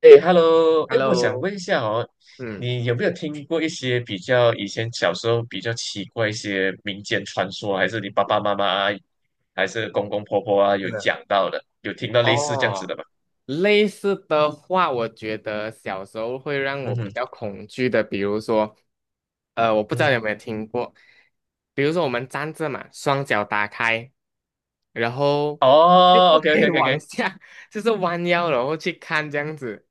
哎，Hello，哎，我想 Hello，问一下哦，嗯，你有没有听过一些比较以前小时候比较奇怪一些民间传说啊，还是你爸爸妈妈啊，还是公公婆婆啊有真的，讲到的，有听到类似这样子哦，的吗？类似的话，我觉得小时候会让嗯我比哼，较恐惧的，比如说，我不知嗯道你哼，有没有听过，比如说我们站着嘛，双脚打开，然后就哦不可以 往，OK，OK，OK，OK，下，就是弯腰然后去看这样子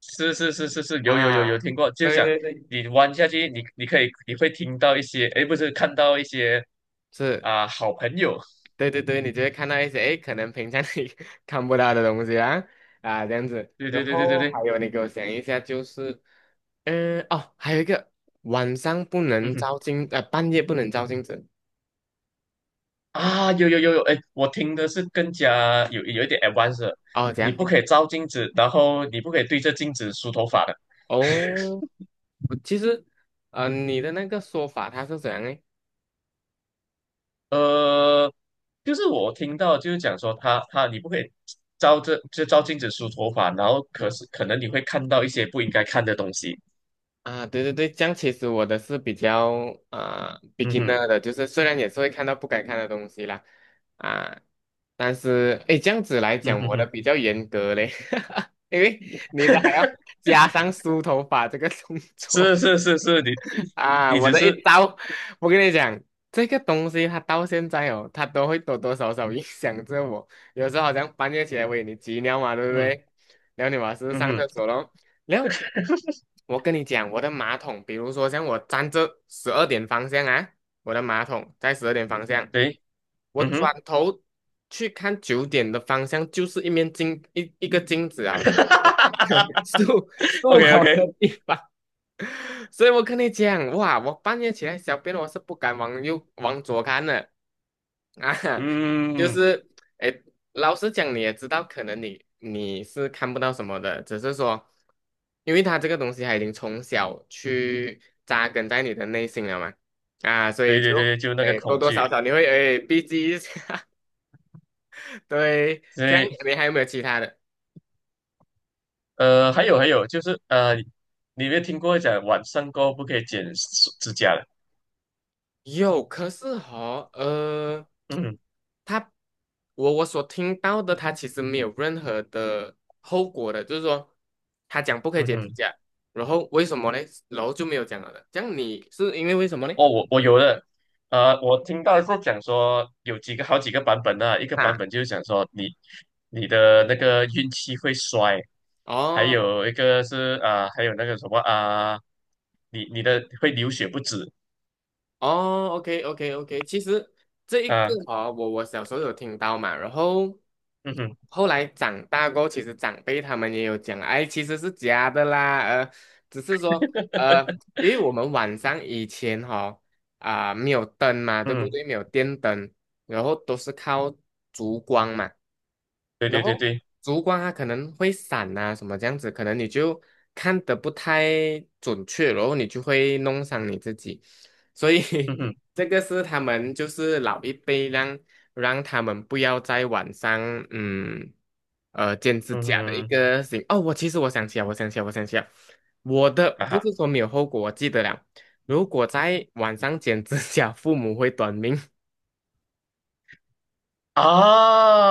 是是是是是，啊，有有有有 听过，就是对讲对对，你弯下去，你你可以你会听到一些，哎，不是看到一些是，啊、好朋友，对对对，你就会看到一些，诶，可能平常你 看不到的东西啊，啊，这样子，对然对对对对后对，还有你给我想一下，就是。嗯，哦，还有一个晚上不嗯能哼。照镜，半夜不能照镜子。啊，有有有有，哎，我听的是更加有一点 advanced，的哦，怎你样？不可以照镜子，然后你不可以对着镜子梳头发的。哦，我其实，你的那个说法它是怎样诶？呃，就是我听到就是讲说他你不可以照着就照镜子梳头发，然后可嗯，是可能你会看到一些不应该看的东西。啊，对对对，这样其实我的是比较嗯哼，beginner 的，就是虽然也是会看到不该看的东西啦，啊，但是诶，这样子来嗯讲，哼嗯我的哼，比较严格嘞，因为你的还要 加上梳头发这个动作。是是是是，你啊，你我只的一是招，我跟你讲，这个东西它到现在哦，它都会多多少少影响着我。有时候好像半夜起来喂你急尿嘛，对不嗯对？然后你马上嗯上哼，厕所咯。然后我跟你讲，我的马桶，比如说像我站着十二点方向啊，我的马桶在十二点方向，对，我嗯哼 转头去看9点的方向，就是一个镜子啊我的 漱 ，OK 漱 OK，口 的地方。所以我跟你讲，哇，我半夜起来小便，我是不敢往右往左看的啊，就嗯，是，哎，老实讲，你也知道，可能你是看不到什么的，只是说，因为他这个东西它已经从小去扎根在你的内心了嘛，啊，所以对就，对对，就那个哎，多恐多少惧。少你会哎避忌一下，对，所这样以。你还有没有其他的？还有，就是，你有没有听过讲晚上过后不可以剪指甲的？有，可是哈，嗯他，我所听到的，他其实没有任何的后果的，就是说，他讲不可以嗯解体哼，价，然后为什么呢？然后就没有讲了的。这样你是因为为什么呢？哦，我有的，我听到是讲说有几个好几个版本呢、一个版啊，本就是讲说你你的那个运气会衰，还哦。有一个是啊、还有那个什么啊、你的会流血不止哦，OK OK OK，其实这一个啊、哦，我小时候有听到嘛，然后嗯哼后来长大过后其实长辈他们也有讲，哎，其实是假的啦，只是说呃，因为我们晚上以前哈、啊、没有灯嘛，对不嗯，对？没有电灯，然后都是靠烛光嘛。对然对对后对，烛光它可能会闪啊什么这样子，可能你就看得不太准确，然后你就会弄伤你自己。所以 嗯哼 这个是他们就是老一辈让他们不要在晚上嗯剪指嗯甲的一哼，个行哦，我其实我想起来，我想起来，我想起来，我的啊不哈是说没有后果，我记得了。如果在晚上剪指甲，父母会短命。哈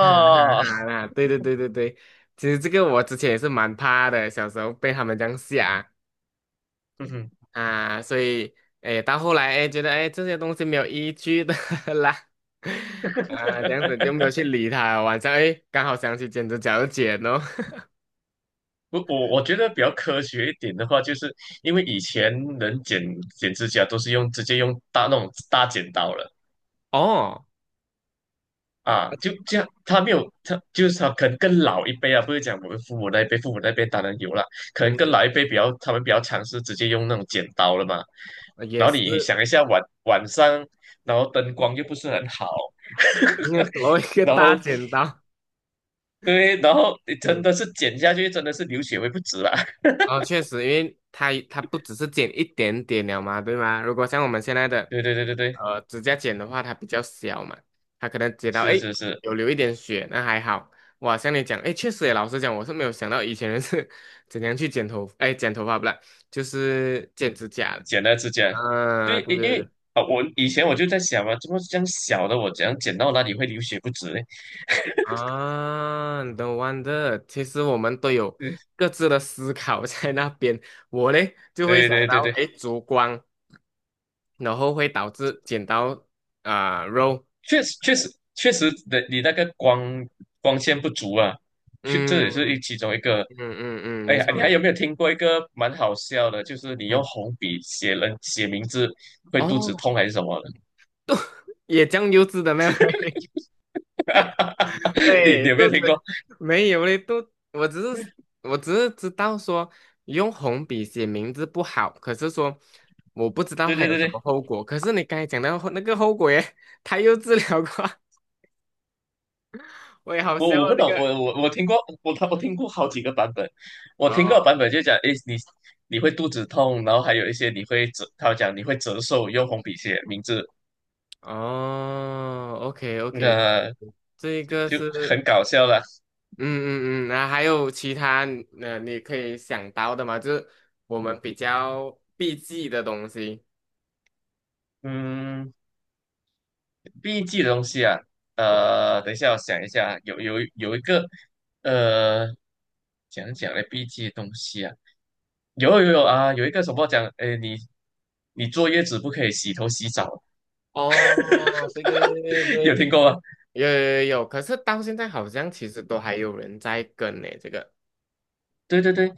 哈哈 啦，对对对对对，其实这个我之前也是蛮怕的，小时候被他们这样吓。嗯哼。啊，所以哎，到后来哎，觉得哎这些东西没有依据的 啦，啊，这样子就没有去理他。晚上哎，刚好想起剪指甲就剪哦，我觉得比较科学一点的话，就是因为以前人剪指甲都是用直接用大那种大剪刀了 哦，啊，就这样，他没有他就是他可能更老一辈啊，不是讲我们父母那一辈，父母那边当然有了，可能更嗯老一辈他们比较尝试直接用那种剪刀了嘛。嗯，也然后是，你想一下晚上，然后灯光又不是很好，因为多一个然大后剪刀，对，然后你 真嗯。的是剪下去真的是流血会不止啦。哦，确实，因为它不只是剪一点点了嘛，对吗？如果像我们现在的对对对对对，指甲剪的话，它比较小嘛，它可能剪到是诶是是。有流一点血，那还好。哇，像你讲，诶，确实也，老实讲，我是没有想到以前人是 怎样去剪头，诶，剪头发不啦，就是剪指甲的剪了指甲。啊，嗯对，对因对对，为啊，我以前我就在想嘛，怎么这样小的我怎样剪到哪里会流血不止呢？啊，no wonder，其实我们都有各自的思考 在那边。我嘞就会对想对对到，对，对，诶，烛光。然后会导致剪刀啊、肉，确实确实确实的，你那个光线不足啊，去这也是嗯其中一个。嗯嗯嗯，哎没呀，错你没还有错，没有听过一个蛮好笑的？就是你用嗯，红笔写名字会肚子哦，痛还是什么的？也酱油脂的没有？你对，你有没有肚子听过？没有嘞，肚，我只是知道说用红笔写名字不好，可是说我不知道对它对有对什对。么后果。可是你刚才讲到后那个后果耶，他又治疗过，我也好笑我哦不这懂，个。我听过，我听过好几个版本，我听过哦版本就讲，诶，你会肚子痛，然后还有一些你会折，他讲你会折寿，用红笔写名字，哦，OK OK，那、这一就个就很是。搞笑了。嗯嗯嗯，那还有其他你可以想到的吗？就是我们比较避忌的东西。嗯，避 g 的东西啊，对。等一下我想一下，有一个，呃，讲讲的避 g 的东西啊，有啊，有一个什么讲，诶，你坐月子不可以洗头洗澡，哦，对对对对 有对，听过吗？有有有有，可是到现在好像其实都还有人在跟呢、这个。对对对，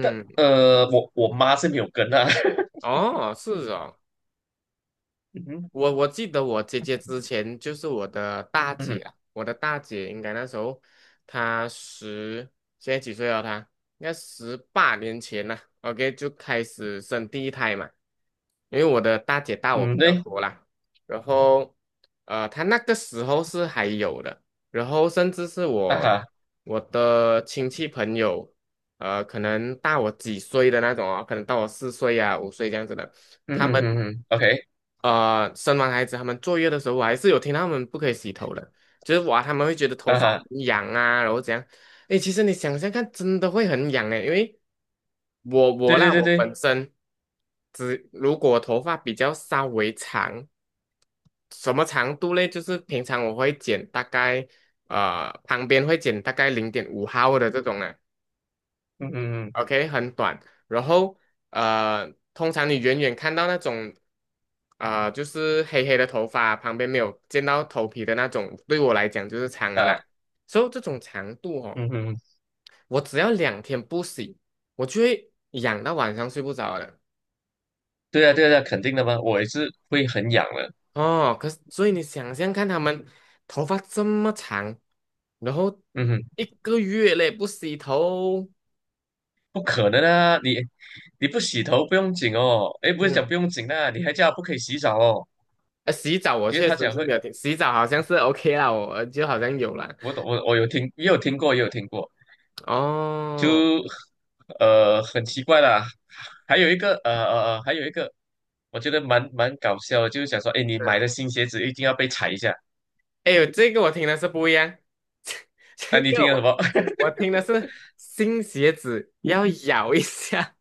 但，我妈是没有跟啊，哦，是哦。嗯哼我记得我姐姐之前就是我的大嗯姐哼啊，我的大姐应该那时候她十，现在几岁了她？应该18年前了 o k 就开始生第一胎嘛。因为我的大姐大我比嗯，较对多啦，然后她那个时候是还有的，然后甚至是啊我哈，我的亲戚朋友，可能大我几岁的那种哦，可能大我4岁啊5岁这样子的。嗯他嗯们嗯嗯，OK 生完孩子他们坐月的时候，我还是有听到他们不可以洗头的，就是哇，他们会觉得头啊发哈，很痒啊，然后怎样？诶，其实你想想看，真的会很痒诶，因为我对我啦，对对我对，本身只如果头发比较稍微长，什么长度嘞？就是平常我会剪大概旁边会剪大概0.5毫的这种啊，嗯嗯 OK，很短。然后通常你远远看到那种啊、就是黑黑的头发，旁边没有见到头皮的那种，对我来讲就是长了嗯啦。啊，所以这种长度哦，嗯嗯，我只要2天不洗，我就会痒到晚上睡不着了。对啊对啊，肯定的嘛，我也是会很痒的，哦，可是所以你想象看，他们头发这么长，然后嗯一哼，个月嘞不洗头，不可能啊，你不洗头不用紧哦，诶，不是讲嗯，不用紧啊，你还叫她不可以洗澡哦，洗澡我因为确她实讲是会，没有听，洗澡好像是 OK 啦，我就好像有了。我懂我有听也有听过也有听过。哦，就很奇怪啦。还有一个我觉得蛮搞笑的，就是想说，哎，你买是，的新鞋子一定要被踩一下哎呦，这个我听的是不一样，啊！这你个听了什我么？我听的是新鞋子要咬一下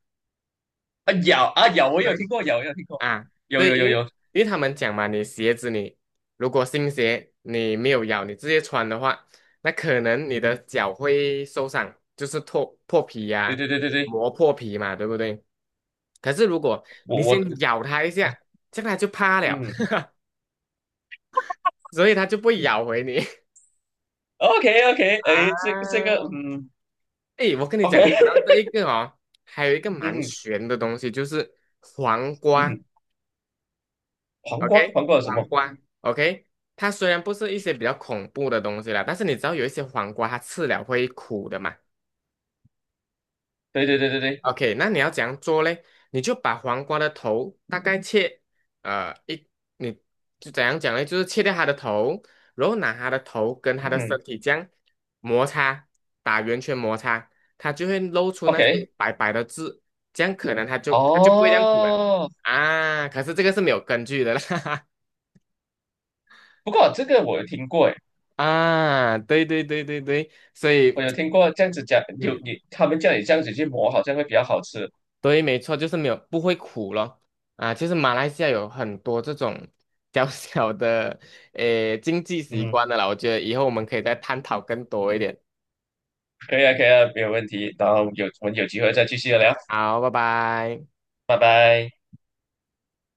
啊咬啊咬，我有对听过咬，我有听过，啊，有对，有因有为有，他们讲嘛，你鞋子你如果新鞋你没有咬，你直接穿的话，那可能你的脚会受伤，就是脱破皮对呀、对对对对，磨破皮嘛，对不对？可是如果我你我先咬它一啊下，这样它就怕了，嗯 所以它就不会咬回你 ，OK OK，啊。哎，这个嗯诶，我跟你讲，，OK，讲到 这一个哦，还有一个嗯蛮哼玄的东西，就是黄嗯瓜哼，黄瓜，OK，黄瓜有什黄么？瓜，OK，它虽然不是一些比较恐怖的东西啦，但是你知道有一些黄瓜它吃了会苦的嘛，对对对对对，OK，那你要怎样做嘞？你就把黄瓜的头大概切，呃，一，你就怎样讲嘞？就是切掉它的头，然后拿它的头跟它的身嗯体这样摩擦，打圆圈摩擦，它就会露出那些，OK，白白的字，这样可能它就不会这样苦了哦，啊。可是这个是没有根据的啦，不过这个我有听过，哎。啊，对对对对对，所我以。有听过这样子讲，嗯。他们叫你这样子去磨，好像会比较好吃。对，没错，就是没有不会苦咯。啊，就是马来西亚有很多这种 小小的诶经济习嗯，惯的啦，我觉得以后我们可以再探讨更多一点。可以啊，可以啊，没有问题。然后我们有机会再继续聊，好，拜拜。拜拜。